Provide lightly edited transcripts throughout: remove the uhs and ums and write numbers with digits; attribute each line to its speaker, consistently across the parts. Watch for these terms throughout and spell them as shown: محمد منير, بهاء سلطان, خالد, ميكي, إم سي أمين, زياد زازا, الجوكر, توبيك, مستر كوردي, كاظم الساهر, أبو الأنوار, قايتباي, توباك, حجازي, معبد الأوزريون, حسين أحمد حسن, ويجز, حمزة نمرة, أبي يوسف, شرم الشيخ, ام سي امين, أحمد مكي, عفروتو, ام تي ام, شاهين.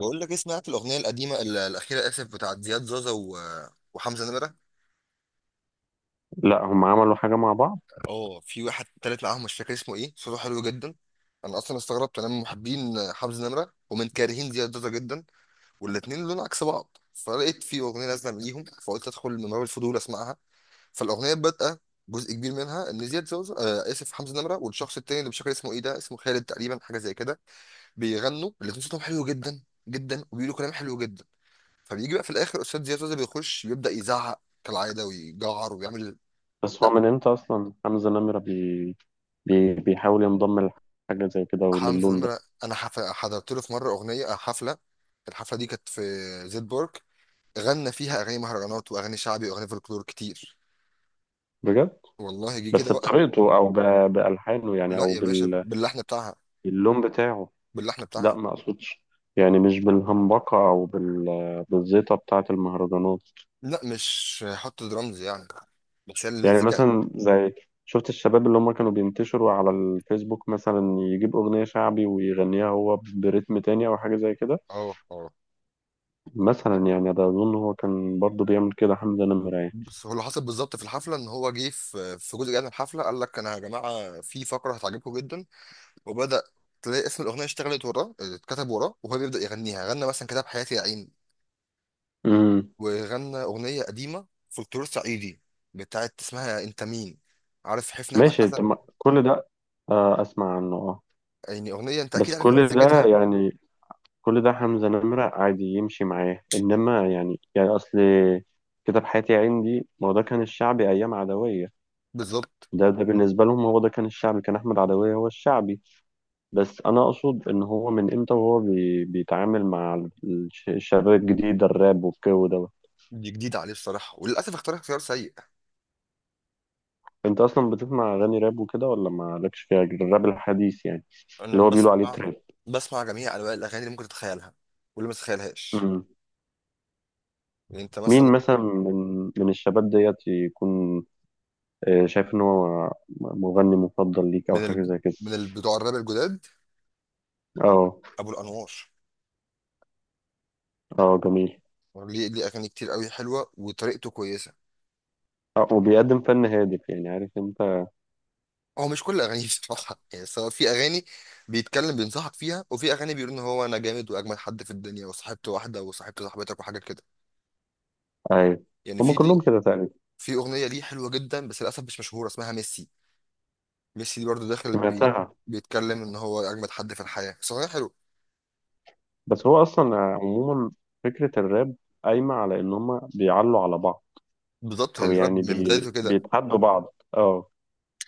Speaker 1: بقول لك إيه، سمعت الاغنيه القديمه الاخيره، اسف، بتاعت زياد زازا وحمزه نمره.
Speaker 2: لا، هم عملوا حاجة مع بعض.
Speaker 1: اه، في واحد تالت معاهم، مش فاكر اسمه ايه، صوته حلو جدا. انا اصلا استغربت، انا من محبين حمزه نمره ومن كارهين زياد زازا جدا، والاتنين لون عكس بعض، فلقيت في اغنيه نازله ليهم فقلت ادخل من باب الفضول اسمعها. فالاغنيه بادئه، جزء كبير منها ان زياد زازا اسف حمزه نمره والشخص التاني اللي مش فاكر اسمه ايه ده، اسمه خالد تقريبا، حاجه زي كده، بيغنوا الاتنين صوتهم حلو جدا جدا، وبيقولوا كلام حلو جدا. فبيجي بقى في الاخر استاذ زياد زوزة بيخش يبدا يزعق كالعاده ويجعر ويعمل.
Speaker 2: بس هو
Speaker 1: لا،
Speaker 2: من امتى أصلا حمزة نمرة بيحاول ينضم لحاجة زي كده
Speaker 1: حمزه
Speaker 2: وللون ده؟
Speaker 1: نمره انا حضرت له في مره اغنيه، حفله. الحفله دي كانت في زيتبورg، غنى فيها اغاني مهرجانات واغاني شعبي واغاني فولكلور كتير.
Speaker 2: بجد.
Speaker 1: والله جه كده
Speaker 2: بس
Speaker 1: بقى.
Speaker 2: بطريقته أو بألحانه يعني،
Speaker 1: لا
Speaker 2: أو
Speaker 1: يا باشا، باللحن بتاعها،
Speaker 2: باللون بتاعه.
Speaker 1: باللحن
Speaker 2: لا،
Speaker 1: بتاعها.
Speaker 2: ما أقصدش. يعني مش بالهمبقة أو بالزيطة بتاعة المهرجانات.
Speaker 1: لا، مش حط درامز يعني، بس هي
Speaker 2: يعني
Speaker 1: المزيكا.
Speaker 2: مثلا زي، شفت الشباب اللي هم كانوا بينتشروا على الفيسبوك مثلا يجيب أغنية شعبي ويغنيها هو برتم تاني أو حاجة زي كده.
Speaker 1: اه اه.
Speaker 2: مثلا يعني، ده أظن هو كان برضه بيعمل كده حمزة نمرة يعني.
Speaker 1: بس هو اللي حصل بالظبط في الحفله ان هو جه في جزء جاي من الحفله قال لك انا يا جماعه في فقره هتعجبكم جدا، وبدأ تلاقي اسم الأغنية اشتغلت وراه، اتكتب وراه وهو بيبدأ يغنيها، غنى مثلا كتاب حياتي يا عين،
Speaker 2: امم
Speaker 1: وغنى أغنية قديمة فولكلور صعيدي بتاعت اسمها أنت مين، عارف، حفني أحمد
Speaker 2: ماشي،
Speaker 1: حسن.
Speaker 2: طب كل ده. آه، اسمع عنه، اه.
Speaker 1: يعني أغنية أنت
Speaker 2: بس
Speaker 1: أكيد عارف
Speaker 2: كل ده
Speaker 1: مزيكتها.
Speaker 2: يعني، كل ده حمزة نمرة عادي يمشي معاه، انما يعني اصل، كتاب حياتي يا عين دي ما هو ده كان الشعبي ايام عدوية.
Speaker 1: بالظبط.
Speaker 2: ده بالنسبة لهم هو ده كان الشعبي، كان احمد عدوية هو الشعبي. بس انا اقصد ان هو من امتى وهو بيتعامل مع الشباب الجديد، الراب والجو ده؟
Speaker 1: دي جديدة عليه الصراحة، وللأسف اختار اختيار سيء.
Speaker 2: انت اصلا بتسمع اغاني راب وكده ولا مالكش فيها، الراب الحديث يعني،
Speaker 1: أنا
Speaker 2: اللي هو بيقولوا عليه
Speaker 1: بسمع،
Speaker 2: تراب؟
Speaker 1: بسمع جميع أنواع الأغاني اللي ممكن تتخيلها واللي ما تتخيلهاش. يعني أنت مثلا
Speaker 2: مين مثلا من الشباب ديت يكون، شايف ان هو مغني مفضل ليك او
Speaker 1: من ال...
Speaker 2: حاجه زي كده؟
Speaker 1: بتوع الراب الجداد
Speaker 2: اه،
Speaker 1: أبو الأنوار.
Speaker 2: اه، جميل.
Speaker 1: ليه ليه أغاني كتير قوي حلوة وطريقته كويسة.
Speaker 2: آه، وبيقدم فن هادف يعني، عارف انت.
Speaker 1: هو مش كل اغانيه بصراحه، يعني سواء في اغاني بيتكلم بينصحك فيها، وفي اغاني بيقول ان هو انا جامد واجمل حد في الدنيا وصاحبت واحده وصاحبت صاحبتك وحاجه كده.
Speaker 2: ايوه،
Speaker 1: يعني
Speaker 2: هما
Speaker 1: في ليه
Speaker 2: كلهم كده تقريبا.
Speaker 1: في اغنيه ليه حلوه جدا بس للاسف مش مشهوره اسمها ميسي. ميسي دي برضه داخل بي،
Speaker 2: سمعتها.
Speaker 1: بيتكلم ان هو اجمد حد في الحياه بس اغنيه حلوه.
Speaker 2: بس هو اصلا عموما، فكره الراب قايمه على ان هما بيعلوا على بعض،
Speaker 1: بالظبط،
Speaker 2: او يعني
Speaker 1: الراب من بدايته كده.
Speaker 2: بيتحدوا بعض، اه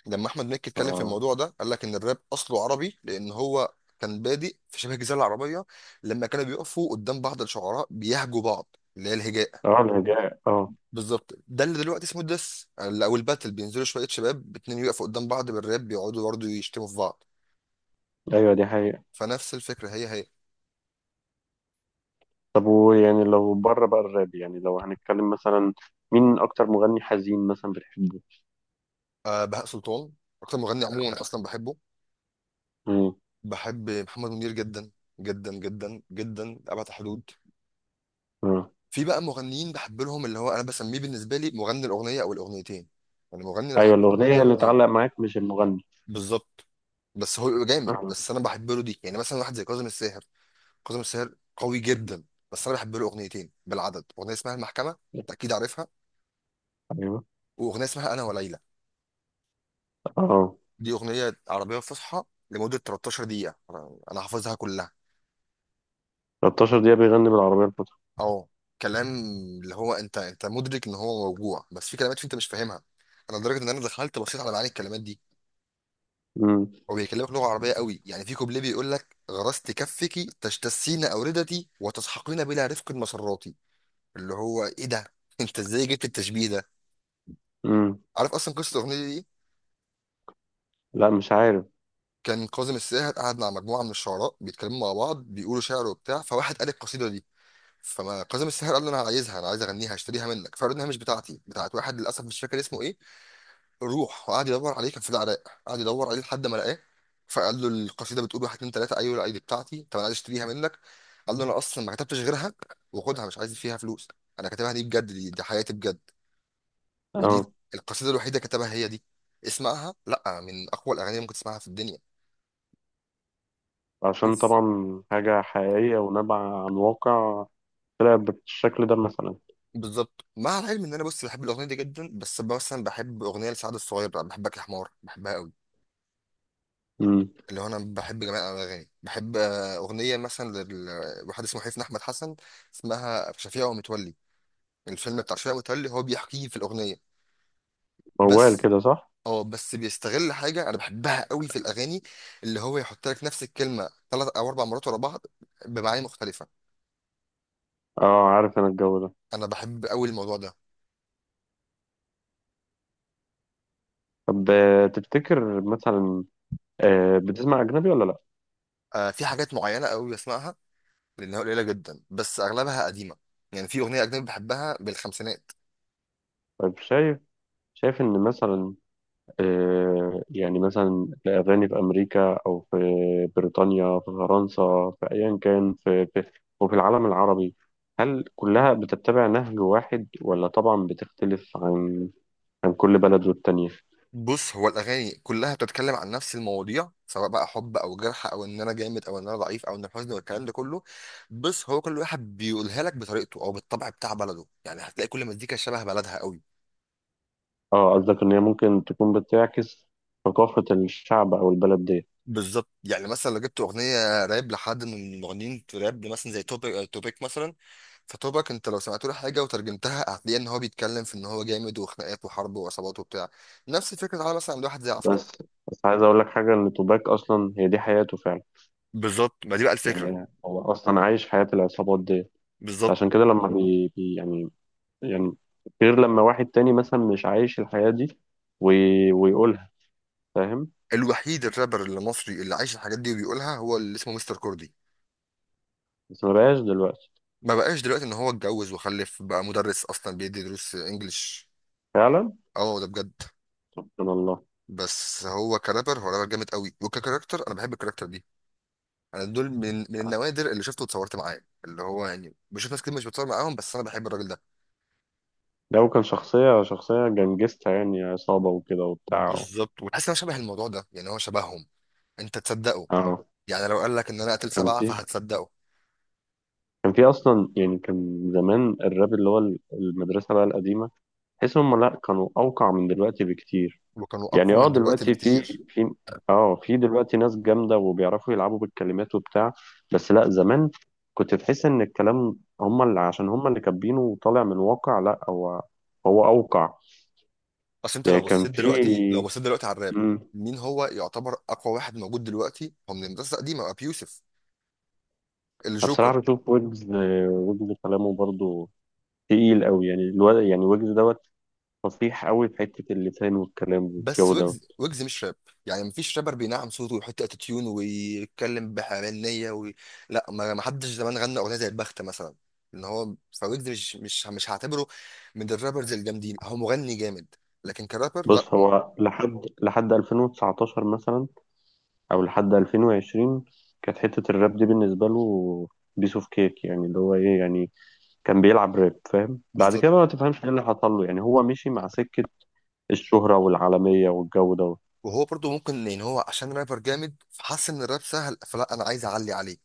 Speaker 1: لما احمد مكي اتكلم في
Speaker 2: اه.
Speaker 1: الموضوع ده قال لك ان الراب اصله عربي، لان هو كان بادئ في شبه الجزيره العربيه لما كانوا بيقفوا قدام بعض الشعراء بيهجوا بعض، اللي هي الهجاء.
Speaker 2: اه، الهجاء، اه.
Speaker 1: بالظبط، ده اللي دلوقتي اسمه الدس او الباتل، بينزلوا شويه شباب اتنين يقفوا قدام بعض بالراب بيقعدوا برضه يشتموا في بعض.
Speaker 2: ايوه، دي حقيقه.
Speaker 1: فنفس الفكره هي هي.
Speaker 2: طب ويعني، لو بره بقى الراب، يعني لو هنتكلم مثلا، مين اكتر مغني حزين مثلا بتحبه؟
Speaker 1: أه، بهاء سلطان اكتر مغني عموما انا اصلا بحبه.
Speaker 2: مم.
Speaker 1: بحب محمد منير جدا جدا جدا جدا لأبعد حدود.
Speaker 2: مم.
Speaker 1: في بقى مغنيين بحب لهم اللي هو انا بسميه بالنسبه لي مغني الاغنيه او الاغنيتين، يعني مغني انا بحب
Speaker 2: ايوه،
Speaker 1: له اغنيه
Speaker 2: الاغنيه
Speaker 1: او
Speaker 2: اللي
Speaker 1: اتنين.
Speaker 2: تعلق معاك مش المغني.
Speaker 1: بالظبط. بس هو بيبقى جامد
Speaker 2: آه.
Speaker 1: بس انا بحب له دي، يعني مثلا واحد زي كاظم الساهر. كاظم الساهر قوي جدا، بس انا بحب له اغنيتين بالعدد، اغنيه اسمها المحكمه انت اكيد عارفها،
Speaker 2: ايوه.
Speaker 1: واغنيه اسمها انا وليلى.
Speaker 2: اه.
Speaker 1: دي اغنيه عربيه فصحى لمده 13 دقيقه، انا حافظها كلها.
Speaker 2: 13 دقيقه بيغني بالعربيه الفاتحه؟
Speaker 1: اه، كلام اللي هو انت، انت مدرك ان هو موجوع، بس في كلمات فيه انت مش فاهمها. انا لدرجه ان انا دخلت بصيت على معاني الكلمات دي.
Speaker 2: مم.
Speaker 1: هو بيكلمك لغه عربيه قوي، يعني في كوبليه بيقول لك غرست كفك تجتثين اوردتي وتسحقين بلا رفق مسراتي. اللي هو ايه ده انت ازاي جبت التشبيه ده؟
Speaker 2: مم.
Speaker 1: عارف اصلا قصه الاغنيه دي إيه؟
Speaker 2: لا، مش عارف.
Speaker 1: كان كاظم الساهر قاعد مع مجموعه من الشعراء بيتكلموا مع بعض بيقولوا شعر وبتاع، فواحد قال القصيده دي. فما كاظم الساهر قال له انا عايزها، انا عايز اغنيها هشتريها منك، فقال له انها مش بتاعتي، بتاعت واحد للاسف مش فاكر اسمه ايه. روح وقعد يدور عليه، كان في العراق، قعد يدور عليه لحد ما لقاه، فقال له القصيده بتقول واحد اتنين تلاته، ايوه لا دي بتاعتي، طب انا عايز اشتريها منك. قال له انا اصلا ما كتبتش غيرها، وخدها مش عايز فيها فلوس، انا كاتبها دي بجد، دي، دي حياتي بجد. ودي
Speaker 2: اه.
Speaker 1: القصيده الوحيده كتبها هي دي. اسمعها، لا من اقوى الاغاني اللي ممكن تسمعها في الدنيا.
Speaker 2: عشان
Speaker 1: شوف،
Speaker 2: طبعا حاجه حقيقيه ونابعه عن واقع، طلع بالشكل ده مثلا.
Speaker 1: بالظبط. مع العلم ان انا، بص، بحب الاغنيه دي جدا، بس مثلا بحب اغنيه لسعد الصغير بقى بحبك يا حمار، بحبها قوي.
Speaker 2: مم.
Speaker 1: اللي هو انا بحب جميع الاغاني، بحب اغنيه مثلا لواحد اسمه حسين احمد حسن اسمها شفيع ومتولي. الفيلم بتاع شفيع ومتولي هو بيحكيه في الاغنيه.
Speaker 2: موال
Speaker 1: بس
Speaker 2: كده، صح؟
Speaker 1: اه، بس بيستغل حاجه انا بحبها قوي في الاغاني، اللي هو يحط لك نفس الكلمه ثلاث او اربع مرات ورا بعض بمعاني مختلفه.
Speaker 2: اه، عارف انا الجو ده.
Speaker 1: انا بحب قوي الموضوع ده.
Speaker 2: طب تفتكر مثلا، بتسمع اجنبي ولا لا؟
Speaker 1: في حاجات معينه قوي بسمعها، لانها قليله جدا بس اغلبها قديمه. يعني في اغنيه اجنبي بحبها بالخمسينات.
Speaker 2: طيب شايف، ان مثلا يعني مثلا الأغاني في أمريكا أو في بريطانيا، في فرنسا، في أيا كان، وفي العالم العربي، هل كلها بتتبع نهج واحد ولا طبعا بتختلف عن كل بلد والتانية؟
Speaker 1: بص، هو الاغاني كلها بتتكلم عن نفس المواضيع، سواء بقى حب او جرح او ان انا جامد او ان انا ضعيف او ان الحزن والكلام ده كله، بس هو كل واحد بيقولها لك بطريقته او بالطبع بتاع بلده، يعني هتلاقي كل مزيكا شبه بلدها قوي.
Speaker 2: اه، قصدك إن هي ممكن تكون بتعكس ثقافة الشعب أو البلد دي.
Speaker 1: بالظبط، يعني مثلا لو جبت اغنيه راب لحد من المغنيين في راب مثلا زي توبيك، توبيك مثلا، فتوبيك انت لو سمعت له حاجه وترجمتها هتلاقي ان هو بيتكلم في ان هو جامد وخناقات وحرب وعصابات وبتاع. نفس الفكره على مثلا عند واحد زي عفروتو.
Speaker 2: بس بس عايز أقول لك حاجة، إن توباك أصلا هي دي حياته فعلا.
Speaker 1: بالظبط، ما دي بقى الفكره.
Speaker 2: يعني هو أصلا عايش حياة العصابات دي،
Speaker 1: بالظبط.
Speaker 2: عشان كده لما يعني، غير لما واحد تاني مثلا مش عايش الحياة دي ويقولها، فاهم؟
Speaker 1: الوحيد الرابر المصري اللي عايش الحاجات دي وبيقولها هو اللي اسمه مستر كوردي.
Speaker 2: بس ما بقاش دلوقتي.
Speaker 1: ما بقاش دلوقتي، ان هو اتجوز وخلف بقى، مدرس اصلا بيدي دروس انجلش.
Speaker 2: فعلا.
Speaker 1: اه، ده بجد.
Speaker 2: سبحان الله.
Speaker 1: بس هو كرابر، هو رابر جامد قوي، وككاركتر انا بحب الكاركتر دي. انا دول من النوادر اللي شفته واتصورت معاه، اللي هو يعني بشوف ناس كتير مش بتصور معاهم، بس انا بحب الراجل ده.
Speaker 2: لو كان شخصية جنجستها يعني، عصابة وكده وبتاع.
Speaker 1: بالظبط، وحاسس ان هو شبه الموضوع ده، يعني هو شبههم. انت تصدقه،
Speaker 2: اه.
Speaker 1: يعني لو قال لك ان انا قتل
Speaker 2: كان
Speaker 1: سبعه
Speaker 2: في
Speaker 1: فهتصدقه.
Speaker 2: كان في أصلا يعني، كان زمان الراب اللي هو المدرسة بقى القديمة، تحس هم لأ كانوا أوقع من دلوقتي بكتير.
Speaker 1: وكانوا
Speaker 2: يعني،
Speaker 1: اقوى من دلوقتي
Speaker 2: دلوقتي
Speaker 1: بكتير.
Speaker 2: في اه في دلوقتي ناس جامدة وبيعرفوا يلعبوا بالكلمات وبتاع، بس لا، زمان كنت تحس ان الكلام هم اللي، عشان هم اللي كاتبينه وطالع من الواقع، لا هو اوقع.
Speaker 1: اصل انت
Speaker 2: يعني
Speaker 1: لو
Speaker 2: كان
Speaker 1: بصيت
Speaker 2: في.
Speaker 1: دلوقتي، لو بصيت دلوقتي على الراب،
Speaker 2: مم.
Speaker 1: مين هو يعتبر اقوى واحد موجود دلوقتي؟ هو من الناس القديمه، ابي يوسف،
Speaker 2: أنا
Speaker 1: الجوكر.
Speaker 2: بصراحة بشوف ويجز، ويجز كلامه برضو تقيل قوي يعني الواد، يعني ويجز دوت، فصيح قوي في حتة اللسان والكلام
Speaker 1: بس
Speaker 2: والجو ده.
Speaker 1: ويجز، ويجز مش راب، يعني مفيش رابر بينعم صوته ويحط اتيتيون ويتكلم بحنيه لا، ما حدش زمان غنى اغنيه زي البخت مثلا ان هو. فويجز مش هعتبره من الرابرز الجامدين، هو مغني جامد لكن كرابر لا
Speaker 2: بص
Speaker 1: هم.
Speaker 2: هو لحد 2019 مثلا او لحد 2020، كانت حتة الراب دي بالنسبة له بيس اوف كيك، يعني اللي هو ايه يعني، كان بيلعب راب، فاهم؟ بعد
Speaker 1: بالظبط.
Speaker 2: كده بقى ما تفهمش ايه اللي حصل له، يعني هو مشي مع سكة الشهرة والعالمية والجو ده.
Speaker 1: وهو برضه ممكن ان هو عشان رابر جامد فحس ان الراب سهل، فلا انا عايز اعلي عليه،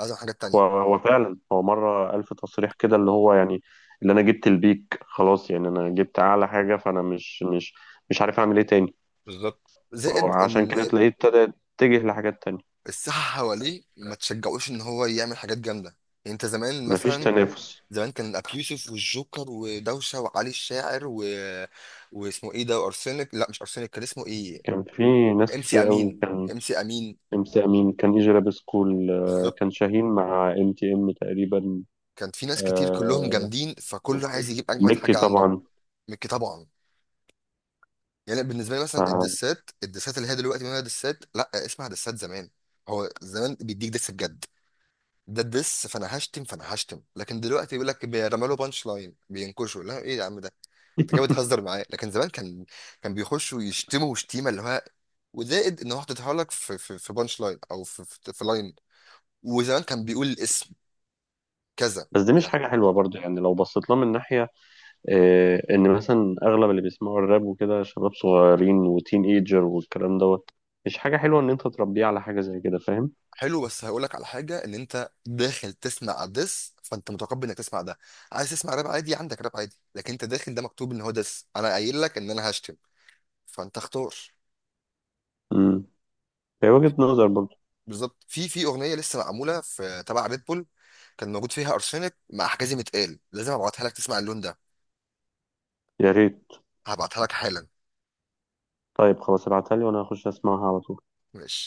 Speaker 1: عايز أعمل حاجات
Speaker 2: هو
Speaker 1: تانية.
Speaker 2: هو فعلا، هو مرة ألف تصريح كده، اللي هو يعني، اللي انا جبت البيك، خلاص، يعني انا جبت اعلى حاجة، فانا مش عارف اعمل ايه تاني.
Speaker 1: بالظبط،
Speaker 2: هو
Speaker 1: زائد
Speaker 2: عشان
Speaker 1: ان
Speaker 2: كده تلاقيه ابتدى يتجه لحاجات تانية.
Speaker 1: الساحه حواليه ما تشجعوش ان هو يعمل حاجات جامده. يعني انت زمان
Speaker 2: مفيش
Speaker 1: مثلا،
Speaker 2: تنافس.
Speaker 1: زمان كان ابي يوسف والجوكر ودوشه وعلي الشاعر واسمه ايه ده، وارسنك، لا مش ارسنك، كان اسمه ايه،
Speaker 2: كان في ناس
Speaker 1: ام سي
Speaker 2: كتير قوي،
Speaker 1: امين.
Speaker 2: كان،
Speaker 1: ام سي امين.
Speaker 2: ام سي امين، كان يجي لابس كول،
Speaker 1: بالظبط.
Speaker 2: كان شاهين مع ام تي ام تقريبا.
Speaker 1: كان في ناس كتير كلهم
Speaker 2: آه،
Speaker 1: جامدين، فكله عايز يجيب اجمد
Speaker 2: ميكي
Speaker 1: حاجه عنده.
Speaker 2: طبعا.
Speaker 1: مكي طبعا. يعني بالنسبه لي مثلا
Speaker 2: مع-
Speaker 1: الدسات، الدسات اللي هي دلوقتي ما هي دسات، لا اسمها دسات زمان. هو زمان بيديك دس بجد، ده الدس، فانا هشتم، فانا هشتم. لكن دلوقتي بيقول لك بيرمى له بانش لاين بينكشوا، لا ايه يا عم ده، انت كده بتهزر معايا. لكن زمان كان، كان بيخشوا يشتموا شتيمه اللي هو، وزائد ان هو حاططها لك في في بانش لاين او في في لاين. وزمان كان بيقول الاسم كذا.
Speaker 2: بس دي مش
Speaker 1: يعني
Speaker 2: حاجة حلوة برضه، يعني لو بصيت لها من ناحية، إن مثلا أغلب اللي بيسمعوا الراب وكده شباب صغيرين وتين ايجر والكلام دوت، مش حاجة حلوة إن أنت تربيه على حاجة زي كده، فاهم؟
Speaker 1: حلو، بس هقول لك على حاجه، ان انت داخل تسمع دس فانت متقبل انك تسمع ده. عايز تسمع راب عادي عندك راب عادي، لكن انت داخل ده مكتوب ان هو دس، انا قايل لك ان انا هشتم، فانت اختار.
Speaker 2: امم، هي وجهة نظر برضه.
Speaker 1: بالظبط. في اغنيه لسه معموله في تبع ريد بول، كان موجود فيها ارسنك مع حجازي متقال، لازم ابعتها لك تسمع اللون ده.
Speaker 2: يا ريت.
Speaker 1: هبعتها لك حالا.
Speaker 2: طيب خلاص، ابعتها لي وأنا هخش أسمعها على طول.
Speaker 1: ماشي.